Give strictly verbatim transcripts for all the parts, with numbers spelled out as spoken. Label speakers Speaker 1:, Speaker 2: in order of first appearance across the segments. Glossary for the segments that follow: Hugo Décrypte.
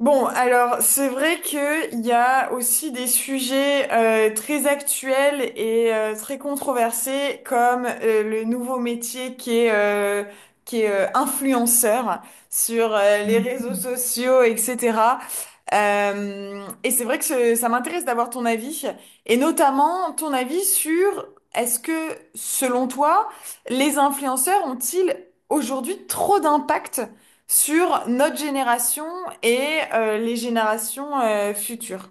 Speaker 1: Bon, alors c'est vrai que il y a aussi des sujets euh, très actuels et euh, très controversés comme euh, le nouveau métier qui est euh, qui est euh, influenceur sur euh, les réseaux
Speaker 2: Mhm.
Speaker 1: sociaux, et cetera. Euh, et c'est vrai que ce- ça m'intéresse d'avoir ton avis et notamment ton avis sur est-ce que, selon toi, les influenceurs ont-ils aujourd'hui trop d'impact sur notre génération et euh, les générations euh, futures?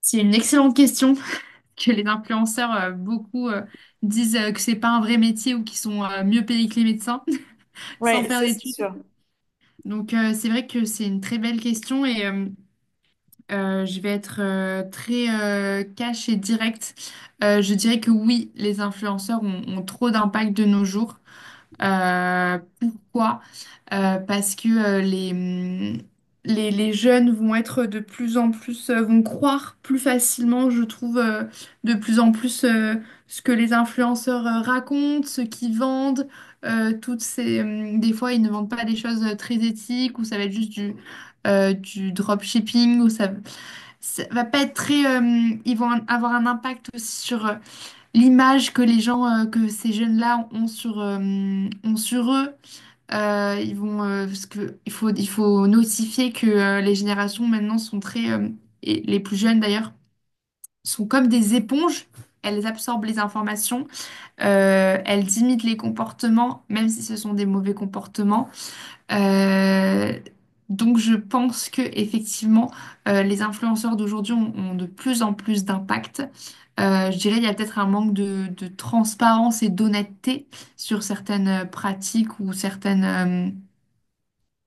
Speaker 2: C'est une excellente question que les influenceurs, euh, beaucoup euh, disent euh, que c'est pas un vrai métier ou qu'ils sont euh, mieux payés que les médecins sans
Speaker 1: Oui,
Speaker 2: faire
Speaker 1: ça c'est
Speaker 2: d'études.
Speaker 1: sûr.
Speaker 2: Donc euh, c'est vrai que c'est une très belle question et euh, euh, je vais être euh, très euh, cash et directe. Euh, je dirais que oui, les influenceurs ont, ont trop d'impact de nos jours. Euh, pourquoi? Euh, parce que euh, les, hum, les, les jeunes vont être de plus en plus, euh, vont croire plus facilement, je trouve, euh, de plus en plus euh, ce que les influenceurs euh, racontent, ce qu'ils vendent, euh, toutes ces, hum, des fois, ils ne vendent pas des choses euh, très éthiques, ou ça va être juste du, euh, du dropshipping, ou ça, ça va pas être très, hum, ils vont avoir un impact aussi sur euh, l'image que les gens, euh, que ces jeunes-là ont sur, euh, ont sur eux. Euh, ils vont, euh, parce que il faut, il faut notifier que euh, les générations maintenant sont très, euh, et les plus jeunes d'ailleurs, sont comme des éponges. Elles absorbent les informations, euh, elles imitent les comportements, même si ce sont des mauvais comportements. Euh, donc je pense que effectivement, euh, les influenceurs d'aujourd'hui ont, ont de plus en plus d'impact. Euh, je dirais il y a peut-être un manque de, de transparence et d'honnêteté sur certaines euh, pratiques ou certaines euh,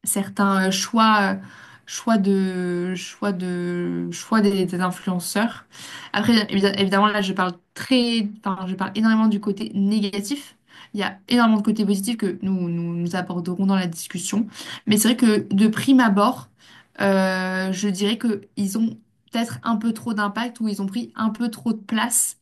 Speaker 2: certains euh, choix, euh, choix de, choix de, choix des, des influenceurs. Après, évi- évidemment, là, je parle très, enfin, je parle énormément du côté négatif. Il y a énormément de côtés positifs que nous, nous, nous aborderons dans la discussion. Mais c'est vrai que de prime abord, euh, je dirais que ils ont peut-être un peu trop d'impact ou ils ont pris un peu trop de place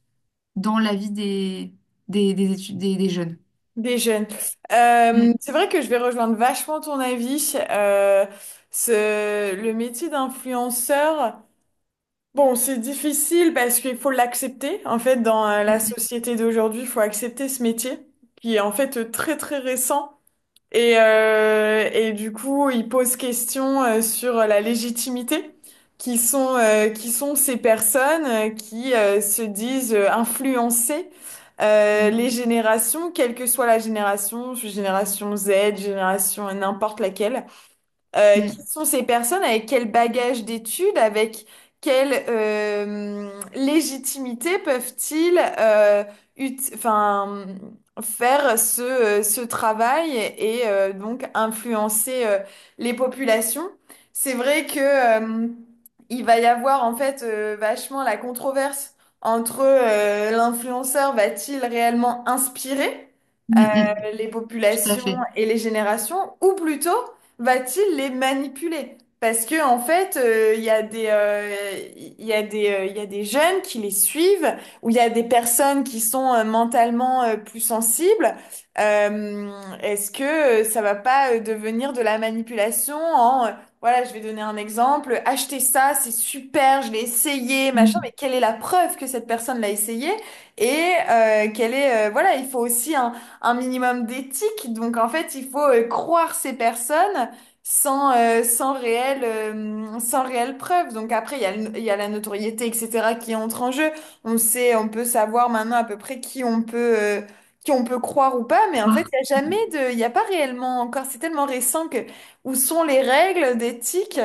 Speaker 2: dans la vie des, des, des, étu- des, des jeunes.
Speaker 1: Des jeunes. Euh,
Speaker 2: Mm,
Speaker 1: c'est vrai que je vais rejoindre vachement ton avis. Euh, ce, le métier d'influenceur, bon, c'est difficile parce qu'il faut l'accepter. En fait, dans euh, la
Speaker 2: mm,
Speaker 1: société d'aujourd'hui, il faut accepter ce métier qui est en fait euh, très très récent. Et, euh, et du coup, il pose question euh, sur la légitimité. Qui sont, euh, qui sont ces personnes euh, qui euh, se disent euh, influencer euh,
Speaker 2: mm,
Speaker 1: les générations, quelle que soit la génération, génération Z, génération n'importe laquelle. Euh, qui
Speaker 2: mm,
Speaker 1: sont ces personnes, avec quel bagage d'études, avec quelle euh, légitimité peuvent-ils euh, ut- enfin, faire ce, euh, ce travail et euh, donc influencer euh, les populations. C'est vrai que euh, il va y avoir en fait euh, vachement la controverse entre euh, l'influenceur va-t-il réellement inspirer euh,
Speaker 2: mm, mm, mm.
Speaker 1: les
Speaker 2: Tout à
Speaker 1: populations
Speaker 2: fait.
Speaker 1: et les générations, ou plutôt va-t-il les manipuler? Parce que en fait, euh, il y a des, euh, il y a des, euh, il y a des jeunes qui les suivent, ou il y a des personnes qui sont euh, mentalement euh, plus sensibles. Euh, est-ce que euh, ça va pas euh, devenir de la manipulation en, euh, voilà, je vais donner un exemple: acheter ça, c'est super, je l'ai essayé, machin, mais quelle est la preuve que cette personne l'a essayé? Et euh, quelle est, euh, voilà, il faut aussi un un minimum d'éthique. Donc en fait, il faut euh, croire ces personnes sans, euh, sans réelle, euh, sans réelle preuve. Donc après, il y a, le- il y a la notoriété, et cetera, qui entre en jeu. On sait, on peut savoir maintenant à peu près qui on peut, euh, qui on peut croire ou pas, mais en fait,
Speaker 2: Voir.
Speaker 1: il n'y a jamais de, il n'y a pas réellement encore, c'est tellement récent que, où sont les règles d'éthique?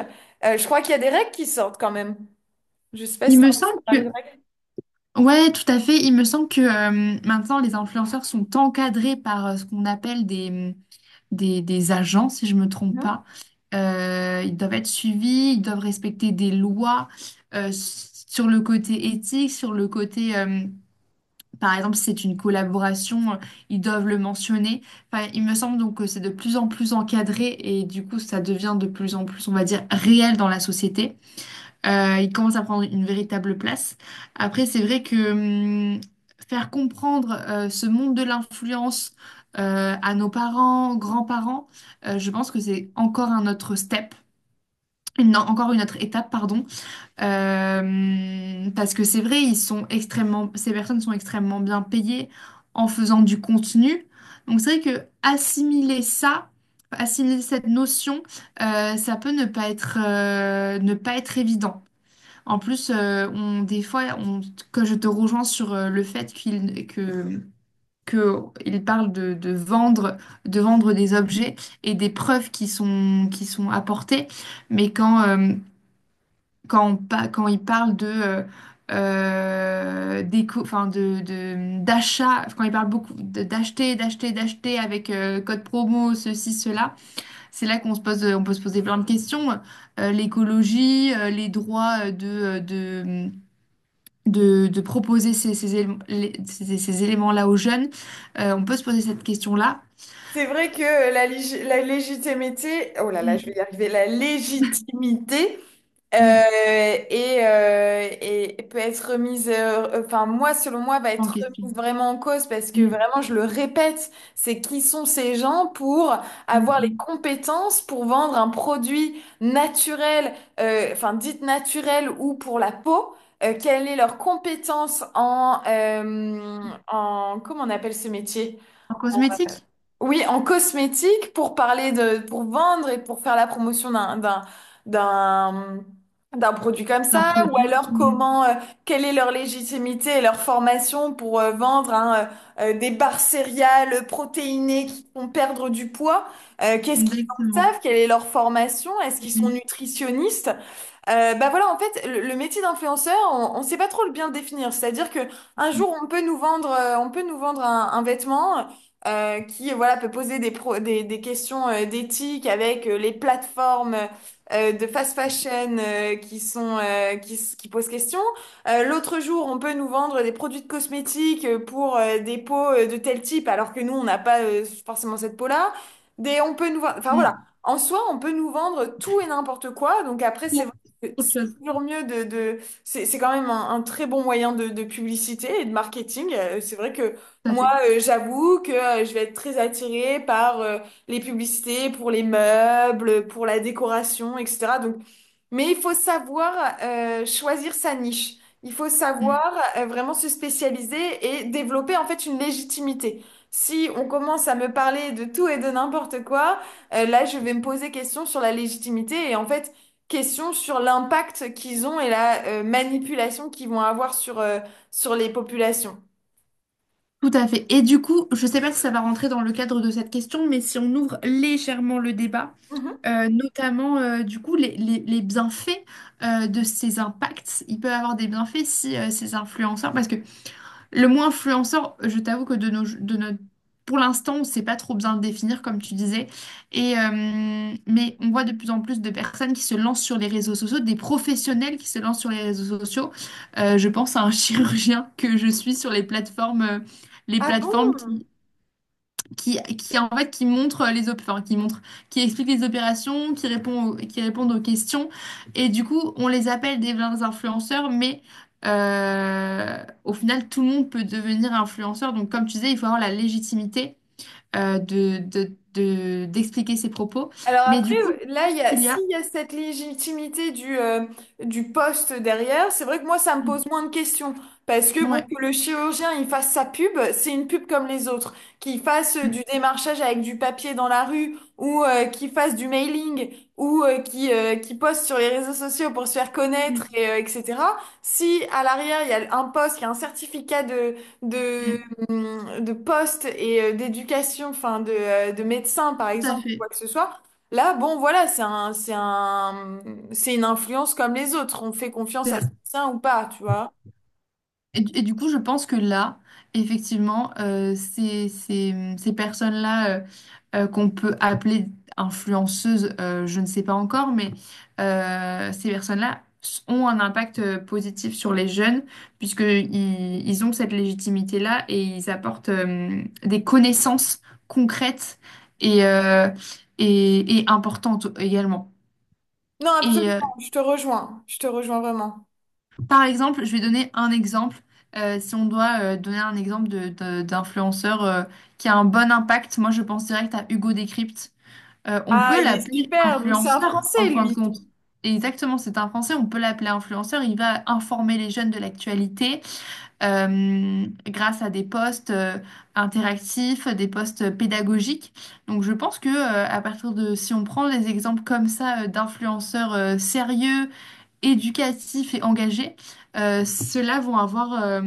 Speaker 1: Euh, je crois qu'il y a des règles qui sortent quand même. Je sais pas
Speaker 2: Il
Speaker 1: si t'as
Speaker 2: me
Speaker 1: entendu
Speaker 2: semble
Speaker 1: parler
Speaker 2: que,
Speaker 1: de
Speaker 2: ouais, tout à fait. Il me semble que euh, maintenant, les influenceurs sont encadrés par euh, ce qu'on appelle des, des, des agents, si je me trompe
Speaker 1: règles.
Speaker 2: pas. Euh, ils doivent être suivis, ils doivent respecter des lois euh, s- sur le côté éthique, sur le côté, euh, par exemple, si c'est une collaboration, euh, ils doivent le mentionner. Enfin, il me semble donc que c'est de plus en plus encadré et du coup, ça devient de plus en plus, on va dire, réel dans la société. Euh, il commence à prendre une véritable place. Après, c'est vrai que hum, faire comprendre euh, ce monde de l'influence euh, à nos parents, grands-parents, euh, je pense que c'est encore un autre step. Une- non, encore une autre étape, pardon. Euh, parce que c'est vrai, ils sont extrêmement, ces personnes sont extrêmement bien payées en faisant du contenu. Donc c'est vrai que assimiler ça, assimiler cette notion, euh, ça peut ne pas être, euh, ne pas être évident. En plus, euh, on, des fois, on, que je te rejoins sur euh, le fait qu'il que, que il parle de, de vendre, de vendre des objets et des preuves qui sont, qui sont apportées, mais quand, euh, quand, on pa- quand il parle de, euh, euh, d'éco- enfin de, de- d'achat, quand il parle beaucoup de- d'acheter, d'acheter, d'acheter avec euh, code promo, ceci, cela, c'est là qu'on se pose, on peut se poser plein de questions. Euh, l'écologie, euh, les droits euh, de, de, de proposer ces, ces élé- les- ces- ces éléments-là aux jeunes. Euh, on peut se poser cette question-là.
Speaker 1: C'est vrai que la, lég- la légitimité, oh là là, je vais
Speaker 2: Mm,
Speaker 1: y arriver, la légitimité
Speaker 2: mm,
Speaker 1: euh, et, euh, et peut être remise, euh, enfin moi, selon moi, va
Speaker 2: En
Speaker 1: être
Speaker 2: question.
Speaker 1: remise vraiment en cause parce que
Speaker 2: Mm,
Speaker 1: vraiment, je le répète, c'est qui sont ces gens pour
Speaker 2: mm,
Speaker 1: avoir les
Speaker 2: mm.
Speaker 1: compétences pour vendre un produit naturel, euh, enfin dit naturel ou pour la peau. euh, quelle est leur compétence en, euh, en, comment on appelle ce métier?
Speaker 2: En cosmétique?
Speaker 1: Oui, en cosmétique, pour parler de, pour vendre et pour faire la promotion d'un, d'un, d'un, d'un produit comme
Speaker 2: Un
Speaker 1: ça, ou
Speaker 2: produit?
Speaker 1: alors
Speaker 2: Mm.
Speaker 1: comment, euh, quelle est leur légitimité et leur formation pour euh, vendre, hein, euh, euh, des barres céréales protéinées qui font perdre du poids. Euh, qu'est-ce qu'ils en
Speaker 2: Exactement.
Speaker 1: savent? Quelle est leur formation? Est-ce qu'ils sont
Speaker 2: Mm,
Speaker 1: nutritionnistes? Euh, bah voilà, en fait, le, le métier d'influenceur, on ne sait pas trop le bien le définir. C'est-à-dire que un
Speaker 2: mm,
Speaker 1: jour, on peut nous vendre, euh, on peut nous vendre un, un vêtement euh, qui, voilà, peut poser des, pro- des, des questions euh, d'éthique avec euh, les plateformes euh, de fast fashion euh, qui sont, euh, qui, s- qui posent question. Euh, l'autre jour, on peut nous vendre des produits de cosmétiques euh, pour euh, des peaux euh, de tel type, alors que nous, on n'a pas euh, forcément cette peau-là. Des, on peut nous vendre, enfin voilà.
Speaker 2: mm.
Speaker 1: En soi, on peut nous vendre tout et n'importe quoi. Donc après, c'est c'est
Speaker 2: Autre chose.
Speaker 1: toujours mieux de, de- c'est c'est quand même un, un très bon moyen de, de publicité et de marketing. Euh, C'est vrai que
Speaker 2: Tout à
Speaker 1: moi,
Speaker 2: fait.
Speaker 1: euh, j'avoue que euh, je vais être très attirée par euh, les publicités pour les meubles, pour la décoration, et cetera. Donc, mais il faut savoir euh, choisir sa niche. Il faut
Speaker 2: Mm.
Speaker 1: savoir euh, vraiment se spécialiser et développer en fait une légitimité. Si on commence à me parler de tout et de n'importe quoi, euh, là je vais me poser question sur la légitimité et en fait question sur l'impact qu'ils ont et la euh, manipulation qu'ils vont avoir sur, euh, sur les populations.
Speaker 2: Tout à fait. Et du coup, je ne sais pas si ça va rentrer dans le cadre de cette question, mais si on ouvre légèrement le débat,
Speaker 1: Mhm.
Speaker 2: euh, notamment euh, du coup les, les- les bienfaits euh, de ces impacts, il peut avoir des bienfaits si euh, ces influenceurs, parce que le mot influenceur, je t'avoue que de nos, de notre, pour l'instant, on ne sait pas trop bien le définir, comme tu disais. Et, euh, mais on voit de plus en plus de personnes qui se lancent sur les réseaux sociaux, des professionnels qui se lancent sur les réseaux sociaux. Euh, je pense à un chirurgien que je suis sur les plateformes, euh, les
Speaker 1: Ah
Speaker 2: plateformes
Speaker 1: bon?
Speaker 2: qui qui, qui en fait qui montre les op- enfin, qui montre qui explique les opérations qui répond aux- qui répondent aux questions et du coup on les appelle des vrais influenceurs mais euh, au final tout le monde peut devenir influenceur donc comme tu disais il faut avoir la légitimité euh, de, de, de- d'expliquer ses propos
Speaker 1: Alors
Speaker 2: mais
Speaker 1: après,
Speaker 2: du coup
Speaker 1: là, il y a,
Speaker 2: il y a
Speaker 1: s'il y a cette légitimité du, euh, du poste derrière, c'est vrai que moi, ça me pose moins de questions. Parce que bon,
Speaker 2: ouais.
Speaker 1: que le chirurgien, il fasse sa pub, c'est une pub comme les autres. Qu'il fasse euh,
Speaker 2: Mm,
Speaker 1: du démarchage avec du papier dans la rue, ou euh, qu'il fasse du mailing, ou euh, qu'il euh, qu'il poste sur les réseaux sociaux pour se faire connaître,
Speaker 2: mm,
Speaker 1: et, euh, et cetera. Si à l'arrière, il y a un poste, il y a un certificat de, de,
Speaker 2: mm.
Speaker 1: hum, de poste et euh, d'éducation, enfin de, euh, de médecin, par
Speaker 2: Tout à
Speaker 1: exemple, ou quoi
Speaker 2: fait.
Speaker 1: que ce soit, là, bon, voilà, c'est un, c'est un, c'est une influence comme les autres. On fait confiance à certains ou pas, tu vois.
Speaker 2: Et, du et du coup, je pense que là, effectivement, euh, ces, ces- ces personnes-là euh, euh, qu'on peut appeler influenceuses, euh, je ne sais pas encore, mais euh, ces personnes-là s- ont un impact euh, positif sur les jeunes, puisque ils, ils ont cette légitimité-là et ils apportent euh, des connaissances concrètes et, euh, et, et importantes également.
Speaker 1: Non,
Speaker 2: Et, euh,
Speaker 1: absolument, je te rejoins. Je te rejoins vraiment.
Speaker 2: Par exemple, je vais donner un exemple. Euh, si on doit euh, donner un exemple de, de- d'influenceur euh, qui a un bon impact, moi je pense direct à Hugo Décrypte. Euh, on
Speaker 1: Ah,
Speaker 2: peut
Speaker 1: il est
Speaker 2: l'appeler
Speaker 1: super. Donc, c'est un
Speaker 2: influenceur en
Speaker 1: Français,
Speaker 2: fin de
Speaker 1: lui.
Speaker 2: compte. Exactement, c'est un Français, on peut l'appeler influenceur. Il va informer les jeunes de l'actualité euh, grâce à des posts euh, interactifs, des posts pédagogiques. Donc je pense que euh, à partir de si on prend des exemples comme ça euh, d'influenceurs euh, sérieux, éducatifs et engagés, euh, ceux-là vont avoir, euh,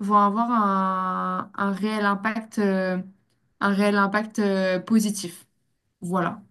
Speaker 2: vont avoir un, un réel impact, euh, un réel impact, euh, positif. Voilà.